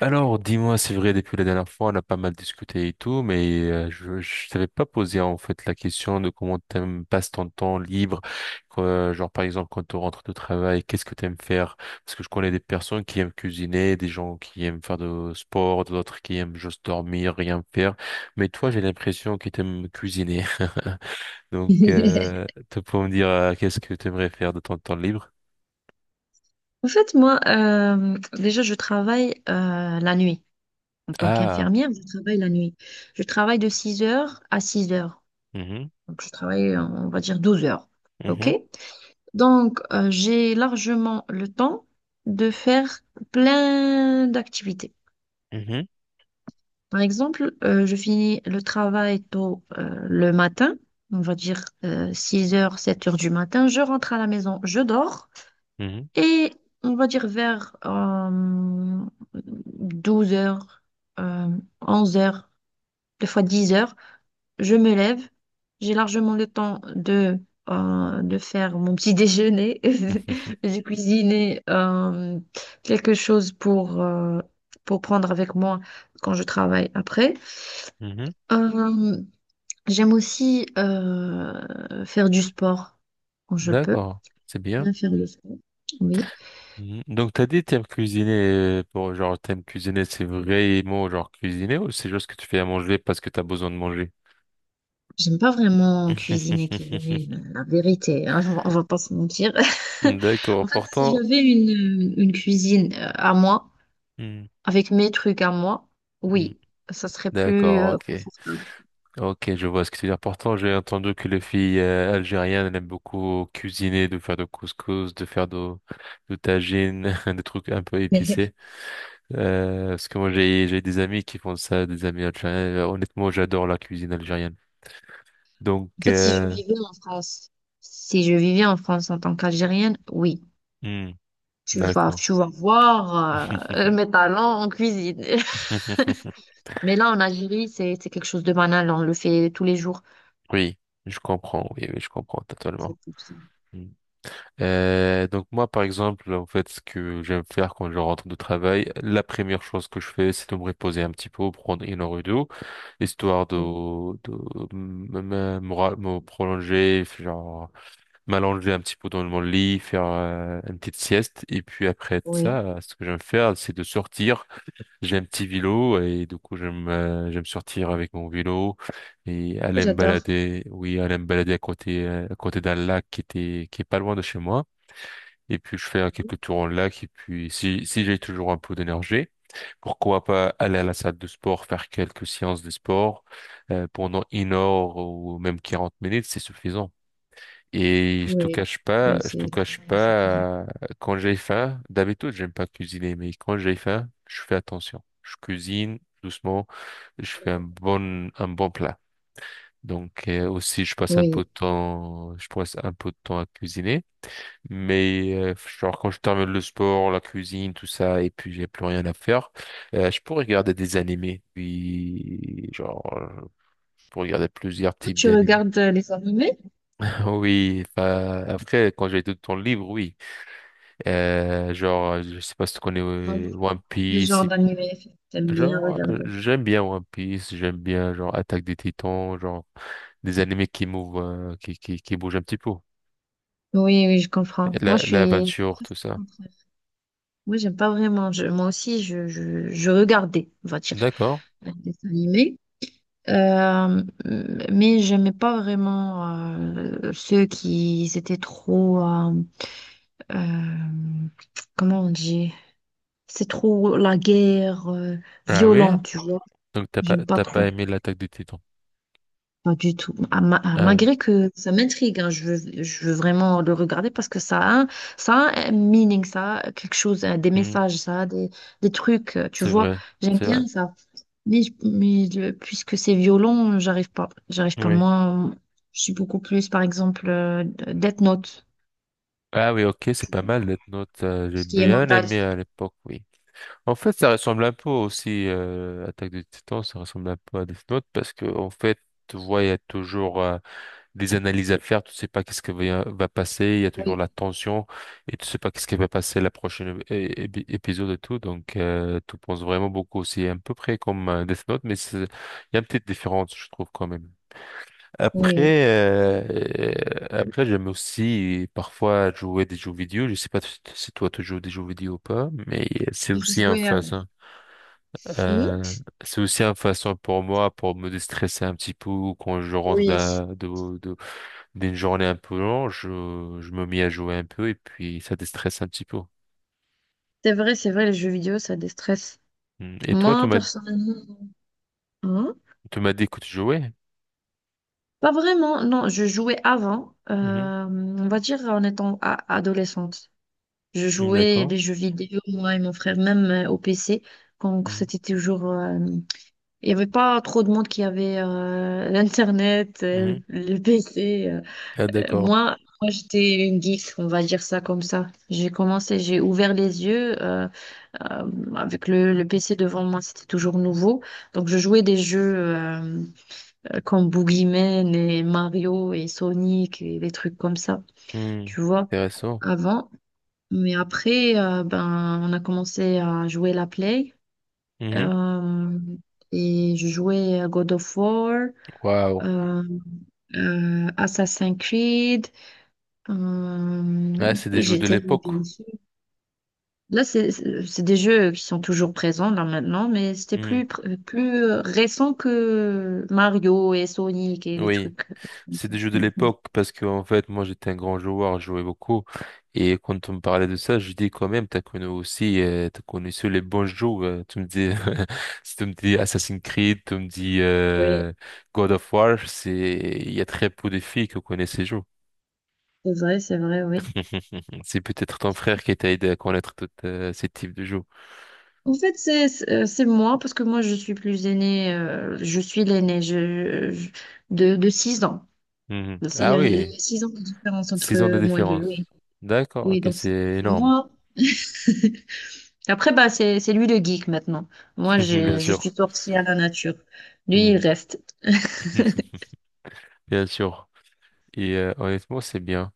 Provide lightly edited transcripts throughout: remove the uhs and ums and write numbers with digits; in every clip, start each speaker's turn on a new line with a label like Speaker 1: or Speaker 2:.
Speaker 1: Alors, dis-moi, c'est vrai, depuis la dernière fois, on a pas mal discuté et tout, mais je t'avais pas posé en fait la question de comment t'aimes passes ton temps libre, quoi, genre par exemple quand tu rentres de travail, qu'est-ce que t'aimes faire? Parce que je connais des personnes qui aiment cuisiner, des gens qui aiment faire de sport, d'autres qui aiment juste dormir, rien faire. Mais toi, j'ai l'impression que t'aimes cuisiner. Donc, tu peux me dire qu'est-ce que t'aimerais faire de ton temps libre?
Speaker 2: En fait, moi, déjà, je travaille la nuit. En tant
Speaker 1: Ah.
Speaker 2: qu'infirmière, je travaille la nuit. Je travaille de 6 heures à 6 heures.
Speaker 1: Mhm.
Speaker 2: Donc, je travaille, on va dire, 12 heures. OK?
Speaker 1: Mhm.
Speaker 2: Donc, j'ai largement le temps de faire plein d'activités.
Speaker 1: Mhm.
Speaker 2: Par exemple, je finis le travail tôt le matin, on va dire 6 heures, 7 heures du matin. Je rentre à la maison, je dors.
Speaker 1: Mhm.
Speaker 2: Et on va dire vers 12 heures, euh, 11 heures, des fois 10 heures, je me lève. J'ai largement le temps de faire mon petit déjeuner, de cuisiner quelque chose pour prendre avec moi quand je travaille après.
Speaker 1: Mhm. Mhm.
Speaker 2: Euh, J'aime aussi faire du sport quand je peux.
Speaker 1: D'accord, c'est bien.
Speaker 2: Bien faire le sport. Oui.
Speaker 1: Mhm. Donc, t'as dit t'aimes cuisiner pour genre t'aimes cuisiner, c'est vraiment genre cuisiner ou c'est juste que tu fais à manger parce que t'as besoin de manger?
Speaker 2: J'aime pas vraiment cuisiner, cuisiner, la vérité, hein, on va pas se mentir.
Speaker 1: D'accord.
Speaker 2: En fait, si
Speaker 1: Pourtant.
Speaker 2: j'avais une cuisine à moi,
Speaker 1: Hmm.
Speaker 2: avec mes trucs à moi,
Speaker 1: Hmm.
Speaker 2: oui, ça serait plus
Speaker 1: D'accord, ok,
Speaker 2: confortable.
Speaker 1: ok, je vois ce que tu veux dire. Pourtant, j'ai entendu que les filles algériennes elles aiment beaucoup cuisiner, de faire de couscous, de faire de tagine, des trucs un peu
Speaker 2: Mais
Speaker 1: épicés. Parce que moi, j'ai des amis qui font ça, des amis algériens. Honnêtement, j'adore la cuisine algérienne. Donc,
Speaker 2: en fait, si je vivais en France, si je vivais en France en tant qu'Algérienne, oui,
Speaker 1: hmm,
Speaker 2: tu vas,
Speaker 1: d'accord.
Speaker 2: tu vas voir mes talents en cuisine. Mais là, en Algérie, c'est quelque chose de banal, on le fait tous les jours.
Speaker 1: Oui, je comprends. Oui, oui, je comprends totalement.
Speaker 2: C'est pour ça.
Speaker 1: Hmm. Donc moi, par exemple, en fait, ce que j'aime faire quand je rentre de travail, la première chose que je fais, c'est de me reposer un petit peu, prendre une heure ou deux, histoire de,
Speaker 2: Oui,
Speaker 1: de me prolonger, genre m'allonger un petit peu dans mon lit, faire une petite sieste. Et puis après
Speaker 2: oui.
Speaker 1: ça, ce que j'aime faire, c'est de sortir. J'ai un petit vélo et du coup j'aime j'aime sortir avec mon vélo et aller me
Speaker 2: J'adore.
Speaker 1: balader. Oui, aller me balader à côté d'un lac qui est pas loin de chez moi. Et puis je fais quelques tours en lac et puis si j'ai toujours un peu d'énergie, pourquoi pas aller à la salle de sport faire quelques séances de sport pendant une heure ou même 40 minutes, c'est suffisant. Et je te
Speaker 2: Oui,
Speaker 1: cache pas,
Speaker 2: oui,
Speaker 1: je te
Speaker 2: c'est
Speaker 1: cache
Speaker 2: largement suffisant.
Speaker 1: pas, euh, quand j'ai faim, d'habitude, j'aime pas cuisiner, mais quand j'ai faim, je fais attention. Je cuisine doucement, je fais un bon plat. Donc, aussi, je passe un peu
Speaker 2: Oui.
Speaker 1: de temps, je passe un peu de temps à cuisiner. Mais, genre, quand je termine le sport, la cuisine, tout ça, et puis j'ai plus rien à faire, je peux regarder des animés. Puis, genre, je peux regarder plusieurs types
Speaker 2: Tu
Speaker 1: d'animés.
Speaker 2: regardes les animés?
Speaker 1: Oui, enfin, après, quand j'ai tout le temps libre, oui. Genre, je sais pas si tu connais
Speaker 2: Non.
Speaker 1: One
Speaker 2: Quel genre
Speaker 1: Piece.
Speaker 2: d'animé t'aimes bien
Speaker 1: Genre,
Speaker 2: regarder?
Speaker 1: j'aime bien One Piece, j'aime bien genre Attaque des Titans, genre des animés qui mouvent, qui bougent un petit peu.
Speaker 2: Oui, oui, je
Speaker 1: Et
Speaker 2: comprends. Moi, je suis
Speaker 1: l'aventure, tout
Speaker 2: presque
Speaker 1: ça.
Speaker 2: le contraire. Moi, j'aime pas vraiment. Moi aussi, je regardais, on va dire,
Speaker 1: D'accord.
Speaker 2: les dessins animés. Euh, mais j'aimais pas vraiment ceux qui étaient trop, euh, comment on dit? C'est trop la guerre
Speaker 1: Ah oui?
Speaker 2: violente, tu vois.
Speaker 1: Donc t'as pas,
Speaker 2: J'aime pas
Speaker 1: t'as pas
Speaker 2: trop.
Speaker 1: aimé l'Attaque des Titans.
Speaker 2: Pas du tout. Ah,
Speaker 1: Ah, oui.
Speaker 2: malgré que ça m'intrigue, hein, je veux vraiment le regarder parce que ça a, ça a un meaning, ça a quelque chose, hein, des
Speaker 1: Hmm,
Speaker 2: messages, ça a des trucs, tu
Speaker 1: c'est
Speaker 2: vois.
Speaker 1: vrai,
Speaker 2: J'aime
Speaker 1: c'est vrai.
Speaker 2: bien ça. Mais, puisque c'est violent, j'arrive pas. J'arrive pas.
Speaker 1: Oui.
Speaker 2: Moi, je suis beaucoup plus, par exemple, Death Note,
Speaker 1: Ah oui, ok, c'est pas mal, Death Note. J'ai
Speaker 2: ce qui est
Speaker 1: bien
Speaker 2: mental.
Speaker 1: aimé à l'époque, oui. En fait, ça ressemble un peu aussi, Attaque des Titans, ça ressemble un peu à Death Note parce que, en fait, tu vois, il y a toujours des analyses à faire, tu sais pas qu'est-ce qui va passer, il y a toujours
Speaker 2: Oui,
Speaker 1: la tension et tu sais pas qu'est-ce qui va passer la prochaine épisode et tout, donc tu penses vraiment beaucoup. C'est à peu près comme Death Note, mais il y a une petite différence, je trouve, quand même.
Speaker 2: oui.
Speaker 1: Après, euh, après j'aime aussi parfois jouer des jeux vidéo. Je sais pas si toi tu joues des jeux vidéo ou pas, mais c'est
Speaker 2: J'ai
Speaker 1: aussi un
Speaker 2: joué à-
Speaker 1: phase.
Speaker 2: Hmm.
Speaker 1: Euh, c'est aussi une façon pour moi pour me déstresser un petit peu quand je rentre
Speaker 2: Oui,
Speaker 1: d'une journée un peu longue, je me mets à jouer un peu et puis ça déstresse un petit peu.
Speaker 2: c'est vrai, les jeux vidéo, ça déstresse.
Speaker 1: Mm. Et toi,
Speaker 2: Moi, personnellement, hein.
Speaker 1: tu m'as dit que tu jouais?
Speaker 2: Pas vraiment, non, je jouais avant,
Speaker 1: Mhm.
Speaker 2: on va dire en étant adolescente. Je
Speaker 1: Mm.
Speaker 2: jouais
Speaker 1: D'accord.
Speaker 2: les jeux vidéo, moi et mon frère, même au PC, quand
Speaker 1: Mhm.
Speaker 2: c'était toujours. Il n'y avait pas trop de monde qui avait l'Internet,
Speaker 1: Mhm.
Speaker 2: le PC. euh.
Speaker 1: Ah,
Speaker 2: Euh,
Speaker 1: d'accord.
Speaker 2: moi, moi j'étais une geek, on va dire ça comme ça. J'ai commencé, j'ai ouvert les yeux euh, avec le PC devant moi, c'était toujours nouveau. Donc je jouais des jeux, comme Boogeyman et Mario et Sonic et des trucs comme ça,
Speaker 1: Mm.
Speaker 2: tu vois,
Speaker 1: Intéressant.
Speaker 2: avant. Mais après, ben, on a commencé à jouer la Play.
Speaker 1: Mhm.
Speaker 2: euh, et je jouais à God of War,
Speaker 1: Waouh.
Speaker 2: euh, Assassin's Creed. euh,
Speaker 1: Ah, c'est des jeux de
Speaker 2: j'étais
Speaker 1: l'époque.
Speaker 2: bien sûr. Là, c'est des jeux qui sont toujours présents là maintenant, mais c'était plus,
Speaker 1: Mhm.
Speaker 2: pr- plus récent que Mario et Sonic et des
Speaker 1: Oui.
Speaker 2: trucs.
Speaker 1: C'est des jeux de l'époque parce que en fait moi j'étais un grand joueur, je jouais beaucoup et quand on me parlait de ça, je dis quand même t'as connu aussi t'as connu seuls les bons jeux. Tu me dis si tu me dis Assassin's Creed, tu me dis
Speaker 2: Oui,
Speaker 1: God of War, c'est il y a très peu de filles qui connaissent ces jeux.
Speaker 2: c'est vrai, c'est vrai, oui.
Speaker 1: C'est peut-être ton frère qui t'a aidé à connaître tous ces types de jeux.
Speaker 2: En fait, c'est moi, parce que moi, je suis plus aînée, je suis l'aînée de 6 ans.
Speaker 1: Mhm.
Speaker 2: Il
Speaker 1: Ah
Speaker 2: y a
Speaker 1: oui,
Speaker 2: 6 ans de différence
Speaker 1: 6 ans de
Speaker 2: entre moi et lui. Oui,
Speaker 1: différence. D'accord,
Speaker 2: oui
Speaker 1: ok,
Speaker 2: donc
Speaker 1: c'est
Speaker 2: c'est
Speaker 1: énorme,
Speaker 2: moi. Après, bah, c'est lui le geek maintenant. Moi,
Speaker 1: bien
Speaker 2: je suis
Speaker 1: sûr.
Speaker 2: sortie à la nature. Lui, il
Speaker 1: Mhm.
Speaker 2: reste.
Speaker 1: Bien sûr. Et honnêtement, c'est bien.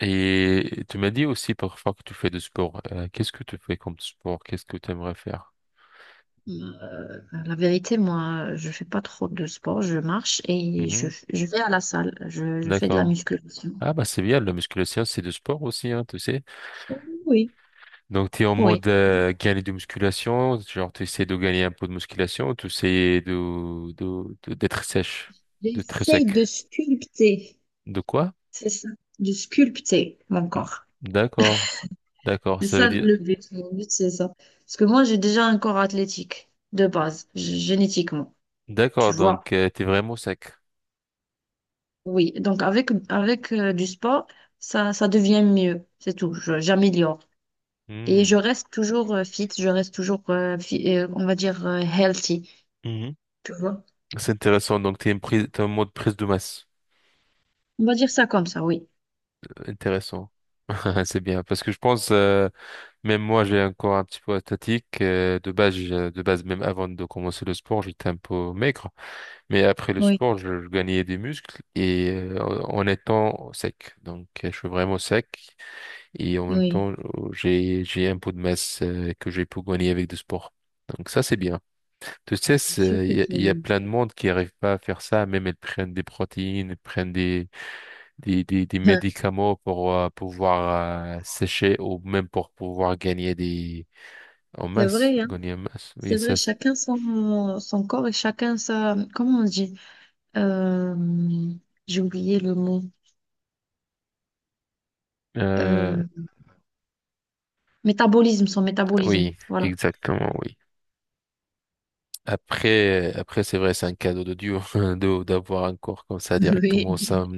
Speaker 1: Et tu m'as dit aussi parfois que tu fais du sport. Qu'est-ce que tu fais comme sport? Qu'est-ce que tu aimerais faire?
Speaker 2: Bah, la vérité, moi, je fais pas trop de sport. Je marche et je,
Speaker 1: Mhm.
Speaker 2: je vais à la salle. Je fais de la
Speaker 1: D'accord.
Speaker 2: musculation.
Speaker 1: Ah bah c'est bien, la musculation c'est du sport aussi, hein, tu sais.
Speaker 2: Oui.
Speaker 1: Donc tu es en
Speaker 2: Oui.
Speaker 1: mode gagner de musculation, genre tu essaies de gagner un peu de musculation, tu essaies d'être sèche, de très
Speaker 2: J'essaye
Speaker 1: sec.
Speaker 2: de sculpter.
Speaker 1: De quoi?
Speaker 2: C'est ça, de sculpter mon
Speaker 1: Mm.
Speaker 2: corps.
Speaker 1: D'accord. D'accord,
Speaker 2: C'est
Speaker 1: ça veut
Speaker 2: ça
Speaker 1: dire...
Speaker 2: le but. Mon but, c'est ça. Parce que moi, j'ai déjà un corps athlétique de base, génétiquement. Tu
Speaker 1: D'accord,
Speaker 2: vois?
Speaker 1: donc tu es vraiment sec.
Speaker 2: Oui. Donc, avec du sport, ça devient mieux. C'est tout. J'améliore. Et je
Speaker 1: Hmm.
Speaker 2: reste toujours fit. Je reste toujours, on va dire, healthy.
Speaker 1: Mhm.
Speaker 2: Tu vois?
Speaker 1: C'est intéressant, donc tu es, une prise, t'es en mode prise de masse.
Speaker 2: On va dire ça comme ça, oui.
Speaker 1: Intéressant. C'est bien, parce que je pense, même moi, j'ai un corps un petit peu athlétique. De base, de base, même avant de commencer le sport, j'étais un peu maigre. Mais après le
Speaker 2: Oui,
Speaker 1: sport, je gagnais des muscles et en étant sec. Donc, je suis vraiment sec et en même
Speaker 2: oui.
Speaker 1: temps, oh, j'ai un peu de masse que j'ai pu gagner avec du sport. Donc ça, c'est bien. Tu sais,
Speaker 2: Bien sûr que
Speaker 1: il y a
Speaker 2: tu-
Speaker 1: plein de monde qui n'arrive pas à faire ça. Même elles prennent des protéines, elles prennent des médicaments pour pouvoir sécher ou même pour pouvoir gagner des en
Speaker 2: C'est
Speaker 1: masse,
Speaker 2: vrai, hein?
Speaker 1: gagner en masse. Oui,
Speaker 2: C'est vrai,
Speaker 1: ça,
Speaker 2: chacun son corps et chacun sa. Comment on dit? Euh, j'ai oublié le mot.
Speaker 1: euh,
Speaker 2: Euh, métabolisme, son métabolisme.
Speaker 1: oui,
Speaker 2: Voilà.
Speaker 1: exactement, oui. Après, après, c'est vrai, c'est un cadeau de Dieu d'avoir un corps comme ça directement
Speaker 2: Oui,
Speaker 1: sans,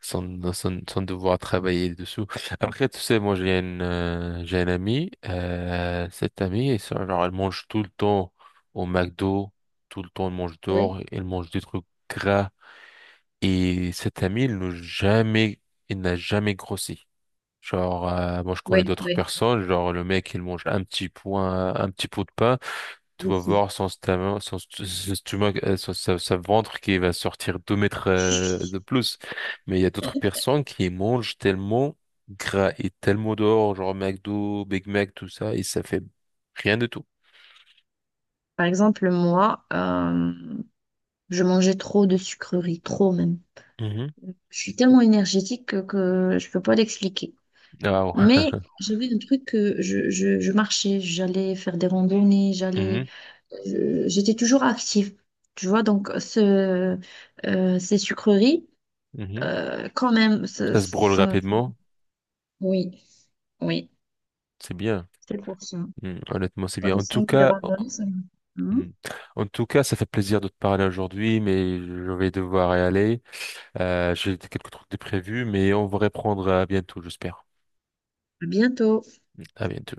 Speaker 1: devoir travailler dessous. Après, tu sais, moi, j'ai un ami, cette amie, ça, genre, elle mange tout le temps au McDo, tout le temps, elle mange
Speaker 2: oui.
Speaker 1: dehors, elle mange des trucs gras. Et cet ami, il n'a jamais grossi. Genre, moi, je connais
Speaker 2: Oui,
Speaker 1: d'autres
Speaker 2: oui.
Speaker 1: personnes, genre, le mec, il mange un petit pot de pain, tu vas
Speaker 2: Défi.
Speaker 1: voir son stomach, son stomac, sa ventre qui va sortir 2 mètres de plus. Mais il y a d'autres personnes qui mangent tellement gras et tellement dehors, genre McDo, Big Mac, tout ça, et ça fait rien du tout.
Speaker 2: Par exemple, moi, je mangeais trop de sucreries, trop même.
Speaker 1: Mhm.
Speaker 2: Je suis tellement énergétique que je peux pas l'expliquer.
Speaker 1: Ah
Speaker 2: Mais
Speaker 1: ouais.
Speaker 2: j'avais un truc que je marchais, j'allais faire des randonnées,
Speaker 1: Mhm.
Speaker 2: j'étais toujours active. Tu vois, donc ces sucreries,
Speaker 1: Mhm.
Speaker 2: quand même, ça,
Speaker 1: Ça se brûle rapidement,
Speaker 2: oui, oui,
Speaker 1: c'est bien.
Speaker 2: c'est pour ça.
Speaker 1: Hmm, honnêtement, c'est bien.
Speaker 2: Par
Speaker 1: En tout
Speaker 2: exemple, les
Speaker 1: cas,
Speaker 2: randonnées, ça me-
Speaker 1: hmm,
Speaker 2: Hein.
Speaker 1: en tout cas, ça fait plaisir de te parler aujourd'hui, mais je vais devoir y aller. J'ai quelques trucs de prévus, mais on va reprendre bientôt, j'espère.
Speaker 2: À bientôt.
Speaker 1: À bientôt.